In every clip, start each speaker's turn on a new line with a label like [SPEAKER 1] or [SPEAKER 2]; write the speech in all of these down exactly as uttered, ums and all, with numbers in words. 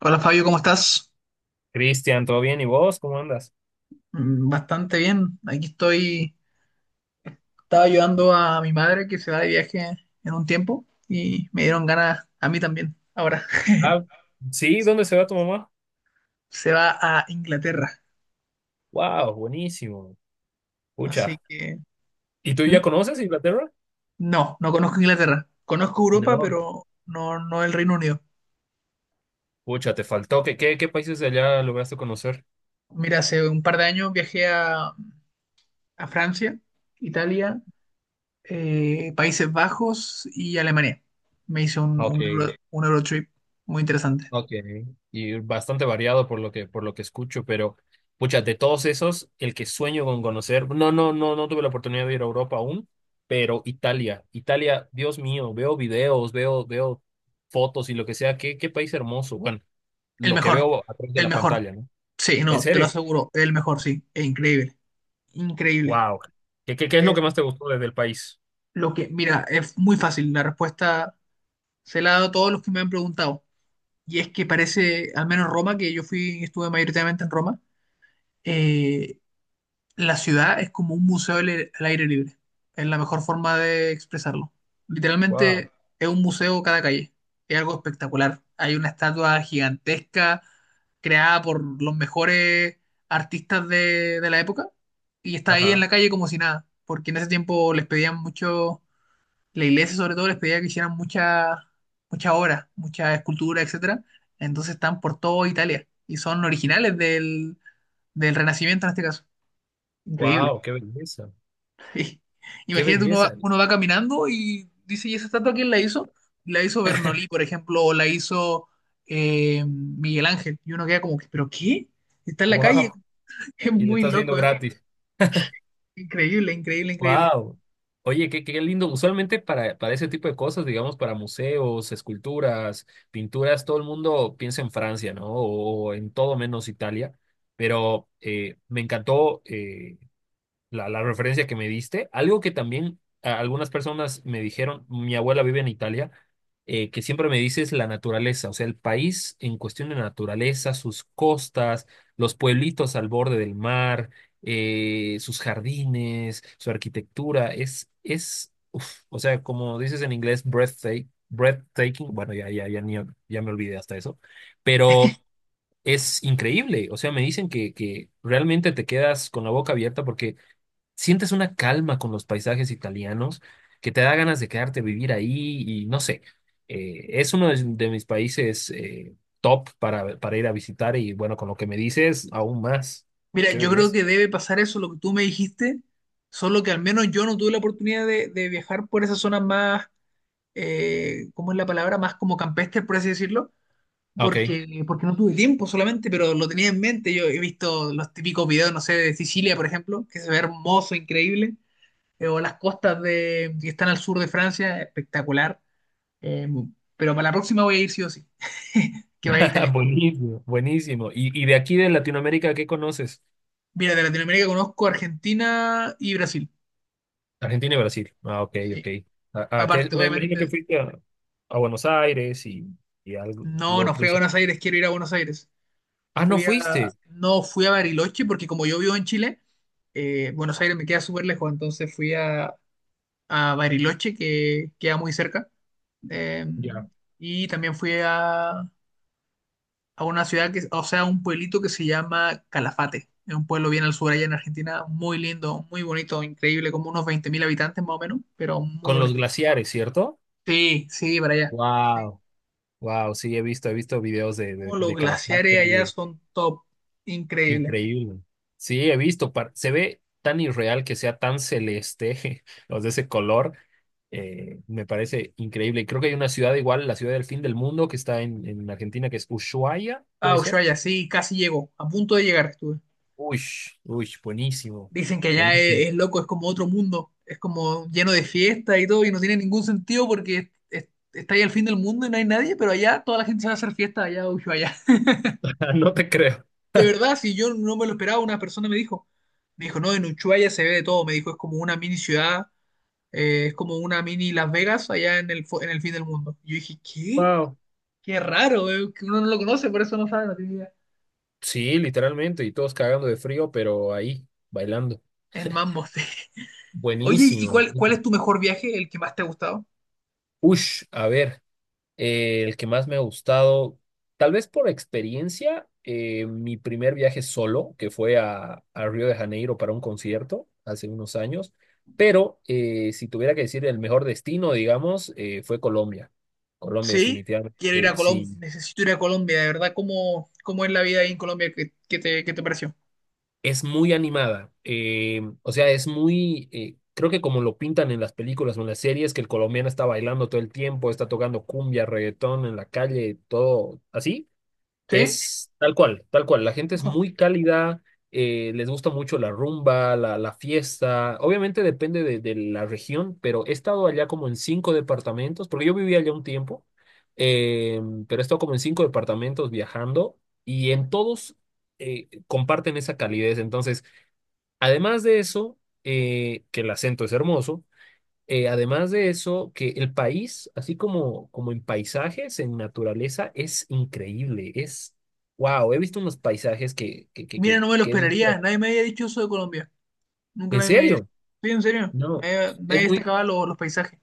[SPEAKER 1] Hola Fabio, ¿cómo estás?
[SPEAKER 2] Cristian, ¿todo bien? ¿Y vos? ¿Cómo andas?
[SPEAKER 1] Mm, bastante bien. Aquí estoy. Estaba ayudando a mi madre que se va de viaje en un tiempo y me dieron ganas a mí también. Ahora
[SPEAKER 2] Ah, sí, ¿dónde se va tu mamá?
[SPEAKER 1] se va a Inglaterra.
[SPEAKER 2] Wow, buenísimo.
[SPEAKER 1] Así
[SPEAKER 2] Pucha.
[SPEAKER 1] que...
[SPEAKER 2] ¿Y tú
[SPEAKER 1] ¿Mm?
[SPEAKER 2] ya conoces Inglaterra?
[SPEAKER 1] No, no conozco Inglaterra. Conozco Europa,
[SPEAKER 2] No.
[SPEAKER 1] pero no, no el Reino Unido.
[SPEAKER 2] Pucha, te faltó. ¿Qué, qué, qué países de allá lograste conocer?
[SPEAKER 1] Mira, hace un par de años viajé a, a Francia, Italia, eh, Países Bajos y Alemania. Me hice un,
[SPEAKER 2] Ok,
[SPEAKER 1] un, euro- un Eurotrip muy interesante.
[SPEAKER 2] ok. Y bastante variado por lo que, por lo que escucho, pero pucha, de todos esos, el que sueño con conocer, no, no, no, no tuve la oportunidad de ir a Europa aún, pero Italia, Italia, Dios mío, veo videos, veo, veo fotos y lo que sea, qué, qué país hermoso. Bueno,
[SPEAKER 1] El
[SPEAKER 2] lo que
[SPEAKER 1] mejor,
[SPEAKER 2] veo a través de
[SPEAKER 1] el
[SPEAKER 2] la
[SPEAKER 1] mejor.
[SPEAKER 2] pantalla, ¿no?
[SPEAKER 1] Sí,
[SPEAKER 2] ¿En
[SPEAKER 1] no, te lo
[SPEAKER 2] serio?
[SPEAKER 1] aseguro, el mejor, sí, es increíble, increíble.
[SPEAKER 2] Wow. ¿Qué, qué, qué es lo
[SPEAKER 1] Es
[SPEAKER 2] que más te gustó desde el país?
[SPEAKER 1] lo que, mira, es muy fácil, la respuesta se la he dado a todos los que me han preguntado. Y es que parece, al menos Roma, que yo fui, estuve mayoritariamente en Roma, eh, la ciudad es como un museo al aire al aire libre. Es la mejor forma de expresarlo.
[SPEAKER 2] Wow.
[SPEAKER 1] Literalmente es un museo cada calle. Es algo espectacular. Hay una estatua gigantesca creada por los mejores artistas de, de la época y está ahí en
[SPEAKER 2] Ajá.
[SPEAKER 1] la calle como si nada. Porque en ese tiempo les pedían mucho, la iglesia sobre todo les pedía que hicieran muchas muchas obras, muchas esculturas, etcétera. Entonces están por toda Italia y son originales del, del Renacimiento en este caso. Increíble.
[SPEAKER 2] Wow, qué belleza.
[SPEAKER 1] Sí.
[SPEAKER 2] Qué
[SPEAKER 1] Imagínate, uno va,
[SPEAKER 2] belleza.
[SPEAKER 1] uno va caminando y dice, ¿y esa estatua quién la hizo? La hizo Bernolí, por ejemplo, o la hizo eh, Miguel Ángel. Y uno queda como, que, ¿pero qué? Está en la calle.
[SPEAKER 2] Wow.
[SPEAKER 1] Es
[SPEAKER 2] Y lo
[SPEAKER 1] muy
[SPEAKER 2] estás viendo
[SPEAKER 1] loco eso.
[SPEAKER 2] gratis.
[SPEAKER 1] Increíble, increíble, increíble.
[SPEAKER 2] Wow. Oye, qué, qué lindo. Usualmente para, para ese tipo de cosas, digamos, para museos, esculturas, pinturas, todo el mundo piensa en Francia, ¿no? O, o en todo menos Italia. Pero eh, me encantó. Eh, la, la referencia que me diste. Algo que también a- algunas personas me dijeron, mi abuela vive en Italia, eh, que siempre me dice es la naturaleza, o sea, el país en cuestión de naturaleza, sus costas, los pueblitos al borde del mar, eh, sus jardines, su arquitectura, es, es, uf, o sea, como dices en inglés, breathtaking, breathtaking, bueno, ya, ya, ya, ni- ya me olvidé hasta eso, pero es increíble, o sea, me dicen que, que realmente te quedas con la boca abierta porque sientes una calma con los paisajes italianos que te da ganas de quedarte a vivir ahí y no sé, eh, es uno de, de mis países, eh, top para, para ir a visitar, y bueno, con lo que me dices, aún más.
[SPEAKER 1] Mira,
[SPEAKER 2] Qué
[SPEAKER 1] yo creo
[SPEAKER 2] belleza.
[SPEAKER 1] que debe pasar eso, lo que tú me dijiste, solo que al menos yo no tuve la oportunidad de, de viajar por esas zonas más, eh, ¿cómo es la palabra? Más como campestre, por así decirlo
[SPEAKER 2] Ok,
[SPEAKER 1] porque, porque no tuve tiempo solamente, pero lo tenía en mente. Yo he visto los típicos videos, no sé, de Sicilia, por ejemplo, que se ve hermoso, increíble, eh, o las costas de, que están al sur de Francia, espectacular. Eh, pero para la próxima voy a ir sí o sí, que vaya a Italia.
[SPEAKER 2] buenísimo, buenísimo. ¿Y, y de aquí de Latinoamérica, qué conoces?
[SPEAKER 1] Mira, de Latinoamérica conozco Argentina y Brasil.
[SPEAKER 2] Argentina y Brasil. Ah, ok, ok.
[SPEAKER 1] Sí.
[SPEAKER 2] ¿A, a qué?
[SPEAKER 1] Aparte,
[SPEAKER 2] Me imagino que
[SPEAKER 1] obviamente,
[SPEAKER 2] fuiste a, a Buenos Aires y, y algo,
[SPEAKER 1] no,
[SPEAKER 2] lo
[SPEAKER 1] no fui a
[SPEAKER 2] principal.
[SPEAKER 1] Buenos Aires, quiero ir a Buenos Aires.
[SPEAKER 2] Ah, no
[SPEAKER 1] Fui a,
[SPEAKER 2] fuiste.
[SPEAKER 1] no, fui a Bariloche porque como yo vivo en Chile, eh, Buenos Aires me queda súper lejos, entonces fui a, a Bariloche, que queda muy cerca. Eh,
[SPEAKER 2] Ya.
[SPEAKER 1] y también fui a, a una ciudad que, o sea, un pueblito que se llama Calafate. Es un pueblo bien al sur allá en Argentina, muy lindo, muy bonito, increíble, como unos veinte mil habitantes más o menos, pero muy
[SPEAKER 2] Con los
[SPEAKER 1] bonito.
[SPEAKER 2] glaciares, ¿cierto?
[SPEAKER 1] Sí, sí, para allá. Sí.
[SPEAKER 2] Wow. Wow, sí, he visto, he visto videos de, de,
[SPEAKER 1] Oh, los
[SPEAKER 2] de Calafate
[SPEAKER 1] glaciares
[SPEAKER 2] y
[SPEAKER 1] allá
[SPEAKER 2] de
[SPEAKER 1] son top, increíble.
[SPEAKER 2] increíble. Sí, he visto, par- se ve tan irreal que sea tan celeste, los de ese color, eh, me parece increíble. Y creo que hay una ciudad igual, la ciudad del fin del mundo, que está en, en Argentina, que es Ushuaia,
[SPEAKER 1] Ah,
[SPEAKER 2] ¿puede ser?
[SPEAKER 1] Ushuaia, sí, casi llego, a punto de llegar estuve.
[SPEAKER 2] Uy, uy, buenísimo,
[SPEAKER 1] Dicen que allá
[SPEAKER 2] buenísimo.
[SPEAKER 1] es, es loco, es como otro mundo, es como lleno de fiestas y todo, y no tiene ningún sentido porque es- es- está ahí al fin del mundo y no hay nadie, pero allá toda la gente sabe hacer fiesta, allá, Ushuaia. Allá.
[SPEAKER 2] No te creo.
[SPEAKER 1] De verdad, si yo no me lo esperaba, una persona me dijo, me dijo, no, en Ushuaia se ve de todo, me dijo, es como una mini ciudad, eh, es como una mini Las Vegas allá en el, fu- en el fin del mundo. Y yo dije, ¿qué?
[SPEAKER 2] Wow.
[SPEAKER 1] Qué raro, eh, que uno no lo conoce, por eso no sabe, no tiene idea.
[SPEAKER 2] Sí, literalmente, y todos cagando de frío, pero ahí, bailando.
[SPEAKER 1] El mambo, sí. Oye, ¿y
[SPEAKER 2] Buenísimo.
[SPEAKER 1] cuál, cuál es tu mejor viaje, el que más te ha gustado?
[SPEAKER 2] Ush, a ver. Eh, el que más me ha gustado, tal vez por experiencia, eh, mi primer viaje solo, que fue a, a Río de Janeiro para un concierto hace unos años, pero eh, si tuviera que decir el mejor destino, digamos, eh, fue Colombia. Colombia
[SPEAKER 1] Sí,
[SPEAKER 2] definitivamente,
[SPEAKER 1] quiero ir a Colombia,
[SPEAKER 2] sí.
[SPEAKER 1] necesito ir a Colombia, de verdad, ¿cómo, cómo es la vida ahí en Colombia? ¿Qué, qué te, qué te pareció?
[SPEAKER 2] Es muy animada, eh, o sea, es muy, eh, creo que como lo pintan en las películas o en las series, que el colombiano está bailando todo el tiempo, está tocando cumbia, reggaetón en la calle, todo así.
[SPEAKER 1] ¿Sí?
[SPEAKER 2] Es tal cual, tal cual. La gente es
[SPEAKER 1] Ujú.
[SPEAKER 2] muy cálida, eh, les gusta mucho la rumba, la, la fiesta. Obviamente depende de, de la región, pero he estado allá como en cinco departamentos, porque yo vivía allá un tiempo, eh, pero he estado como en cinco departamentos viajando y en todos eh, comparten esa calidez. Entonces, además de eso, eh, que el acento es hermoso, eh, además de eso, que el país, así como, como en paisajes, en naturaleza, es increíble. Es, wow, he visto unos paisajes que, que, que,
[SPEAKER 1] Mira,
[SPEAKER 2] que,
[SPEAKER 1] no me lo
[SPEAKER 2] que he
[SPEAKER 1] esperaría,
[SPEAKER 2] dicho,
[SPEAKER 1] nadie me había dicho eso de Colombia, nunca
[SPEAKER 2] ¿en
[SPEAKER 1] nadie me había dicho,
[SPEAKER 2] serio?
[SPEAKER 1] sí, en serio,
[SPEAKER 2] No,
[SPEAKER 1] nadie,
[SPEAKER 2] es
[SPEAKER 1] nadie
[SPEAKER 2] muy,
[SPEAKER 1] destacaba lo- los paisajes.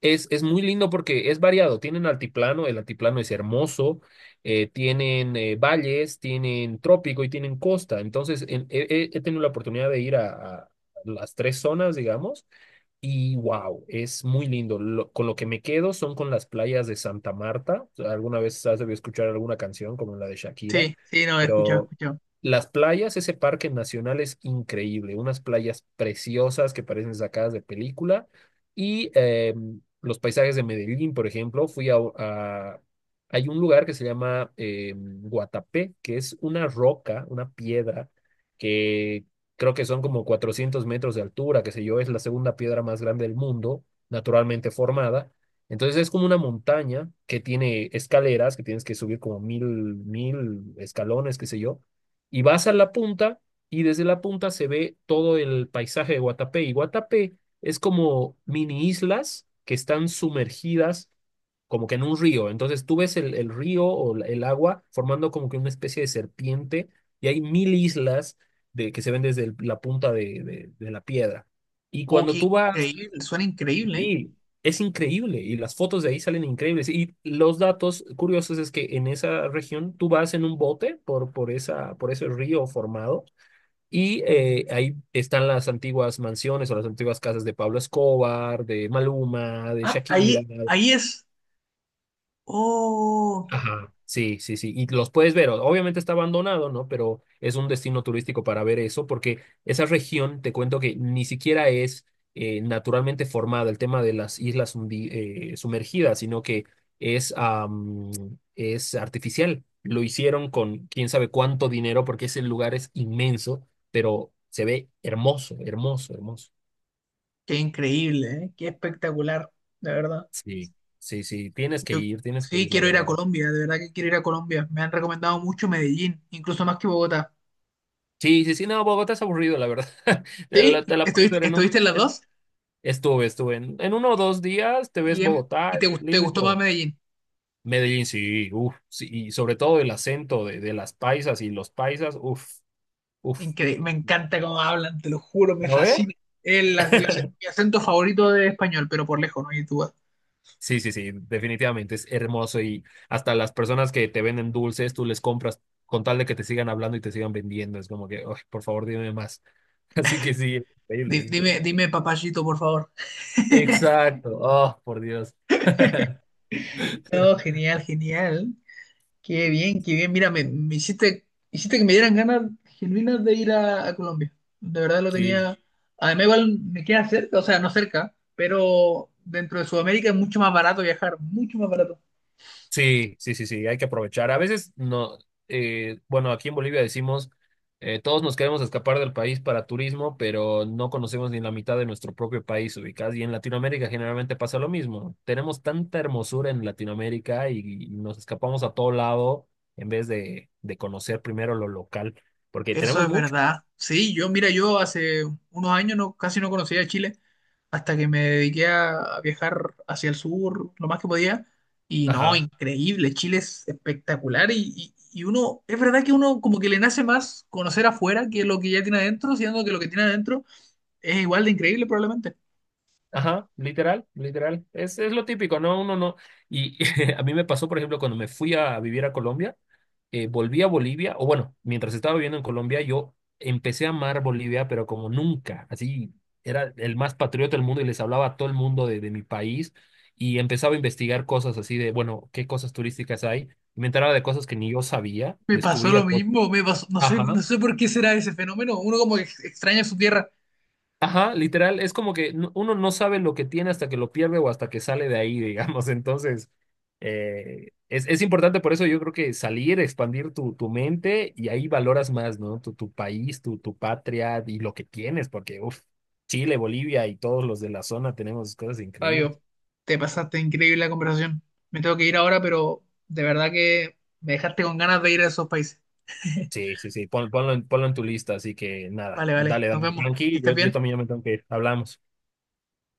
[SPEAKER 2] Es, es muy lindo porque es variado. Tienen altiplano, el altiplano es hermoso, eh, tienen eh, valles, tienen trópico y tienen costa. Entonces, en- he, he- he tenido la oportunidad de ir a, a las tres zonas, digamos, y wow, es muy lindo. Lo- con lo que me quedo son con las playas de Santa Marta. Alguna vez has debido escuchar alguna canción como la de Shakira,
[SPEAKER 1] Sí, sí, no, he escuchado, he
[SPEAKER 2] pero
[SPEAKER 1] escuchado.
[SPEAKER 2] las playas, ese parque nacional es increíble. Unas playas preciosas que parecen sacadas de película. Y em, los paisajes de Medellín, por ejemplo, fui a, a- hay un lugar que se llama eh, Guatapé, que es una roca, una piedra, que creo que son como cuatrocientos metros de altura, qué sé yo, es la segunda piedra más grande del mundo, naturalmente formada. Entonces es como una montaña que tiene escaleras, que tienes que subir como mil, mil escalones, qué sé yo, y vas a la punta, y desde la punta se ve todo el paisaje de Guatapé. Y Guatapé es como mini islas que están sumergidas como que en un río. Entonces tú ves el, el río o la- el agua formando como que una especie de serpiente, y hay mil islas de, que se ven desde el- la punta de, de- de la piedra. Y
[SPEAKER 1] Oh,
[SPEAKER 2] cuando
[SPEAKER 1] qué
[SPEAKER 2] tú vas,
[SPEAKER 1] increíble, suena increíble, ¿eh?
[SPEAKER 2] sí, es increíble y las fotos de ahí salen increíbles. Y los datos curiosos es que en esa región tú vas en un bote por, por, esa, por ese río formado. Y eh, ahí están las antiguas mansiones o las antiguas casas de Pablo Escobar, de Maluma, de
[SPEAKER 1] Ah,
[SPEAKER 2] Shakira.
[SPEAKER 1] ahí, ahí es. Oh,
[SPEAKER 2] Ajá, sí, sí, sí. Y los puedes ver. o- Obviamente está abandonado, ¿no? Pero es un destino turístico para ver eso, porque esa región, te cuento que ni siquiera es eh, naturalmente formada el tema de las islas hundi- eh, sumergidas, sino que es, am, es artificial. Lo hicieron con quién sabe cuánto dinero, porque ese lugar es inmenso, pero se ve hermoso, hermoso, hermoso.
[SPEAKER 1] qué increíble, ¿eh? Qué espectacular, de verdad.
[SPEAKER 2] Sí, sí, sí. Tienes que
[SPEAKER 1] Yo
[SPEAKER 2] ir, tienes que
[SPEAKER 1] sí
[SPEAKER 2] ir, la
[SPEAKER 1] quiero ir a
[SPEAKER 2] verdad.
[SPEAKER 1] Colombia, de verdad que quiero ir a Colombia. Me han recomendado mucho Medellín, incluso más que Bogotá.
[SPEAKER 2] Sí, sí, sí, no, Bogotá es aburrido, la verdad. Te
[SPEAKER 1] Sí,
[SPEAKER 2] la, te la puedes ver
[SPEAKER 1] estuviste,
[SPEAKER 2] en
[SPEAKER 1] estuviste
[SPEAKER 2] un...
[SPEAKER 1] en las
[SPEAKER 2] en-
[SPEAKER 1] dos
[SPEAKER 2] estuve, estuve. En, en uno o
[SPEAKER 1] y,
[SPEAKER 2] dos días te ves
[SPEAKER 1] y, em-
[SPEAKER 2] Bogotá,
[SPEAKER 1] y te,
[SPEAKER 2] es
[SPEAKER 1] gust- te
[SPEAKER 2] lindo y
[SPEAKER 1] gustó más
[SPEAKER 2] todo.
[SPEAKER 1] Medellín.
[SPEAKER 2] Medellín, sí, uff, sí, y sobre todo el acento de, de las paisas y los paisas, uff, uff.
[SPEAKER 1] Increíble, me encanta cómo hablan, te lo juro, me
[SPEAKER 2] ¿No ve?
[SPEAKER 1] fascina. El, el ac- mi acento favorito de español, pero por lejos, no hay duda.
[SPEAKER 2] Sí, sí, sí, definitivamente es hermoso y hasta las personas que te venden dulces, tú les compras con tal de que te sigan hablando y te sigan vendiendo. Es como que, "Ay, por favor, dime más". Así que sí, es increíble, es
[SPEAKER 1] Di- Dime,
[SPEAKER 2] increíble.
[SPEAKER 1] dime papayito, por favor.
[SPEAKER 2] Exacto, oh, por Dios.
[SPEAKER 1] No, genial, genial. Qué bien, qué bien. Mira, me, me hiciste, hiciste que me dieran ganas genuinas de ir a, a Colombia. De verdad lo
[SPEAKER 2] Sí.
[SPEAKER 1] tenía. Además, igual me queda cerca, o sea, no cerca, pero dentro de Sudamérica es mucho más barato viajar, mucho más barato.
[SPEAKER 2] Sí, sí, sí, sí, hay que aprovechar. A veces no, eh, bueno, aquí en Bolivia decimos, eh, todos nos queremos escapar del país para turismo, pero no conocemos ni la mitad de nuestro propio país ubicado. Y en Latinoamérica generalmente pasa lo mismo. Tenemos tanta hermosura en Latinoamérica y, y nos escapamos a todo lado en vez de, de conocer primero lo local, porque
[SPEAKER 1] Eso
[SPEAKER 2] tenemos
[SPEAKER 1] es
[SPEAKER 2] mucho.
[SPEAKER 1] verdad. Sí, yo, mira, yo hace unos años no, casi no conocía Chile hasta que me dediqué a, a viajar hacia el sur lo más que podía. Y no,
[SPEAKER 2] Ajá,
[SPEAKER 1] increíble, Chile es espectacular y, y, y uno, es verdad que uno como que le nace más conocer afuera que lo que ya tiene adentro, siendo que lo que tiene adentro es igual de increíble probablemente.
[SPEAKER 2] ajá, literal, literal. Es, es lo típico, ¿no? Uno no. Y a mí me pasó, por ejemplo, cuando me fui a vivir a Colombia. Eh, volví a Bolivia, o bueno, mientras estaba viviendo en Colombia, yo empecé a amar Bolivia, pero como nunca, así era el más patriota del mundo, y les hablaba a todo el mundo de, de mi país, y empezaba a investigar cosas así de, bueno, qué cosas turísticas hay, y me enteraba de cosas que ni yo sabía,
[SPEAKER 1] Me pasó lo
[SPEAKER 2] descubría cosas.
[SPEAKER 1] mismo, me pasó, no sé, no
[SPEAKER 2] Ajá.
[SPEAKER 1] sé por qué será ese fenómeno, uno como que ex- extraña su tierra.
[SPEAKER 2] Ajá, literal, es como que no- uno no sabe lo que tiene hasta que lo pierde o hasta que sale de ahí, digamos. Entonces, eh, es, es importante por eso, yo creo, que salir, expandir tu, tu mente y ahí valoras más, ¿no? Tu, tu país, tu, tu patria y lo que tienes, porque, uff, Chile, Bolivia y todos los de la zona tenemos cosas increíbles.
[SPEAKER 1] Fabio, te pasaste increíble la conversación. Me tengo que ir ahora, pero de verdad que me dejaste con ganas de ir a esos países.
[SPEAKER 2] Sí, sí, sí, pon- ponlo, en, ponlo en tu lista, así que nada,
[SPEAKER 1] Vale, vale,
[SPEAKER 2] dale,
[SPEAKER 1] nos
[SPEAKER 2] dale,
[SPEAKER 1] vemos. Que
[SPEAKER 2] tranqui, yo,
[SPEAKER 1] estés
[SPEAKER 2] yo
[SPEAKER 1] bien.
[SPEAKER 2] también ya me tengo que ir, hablamos.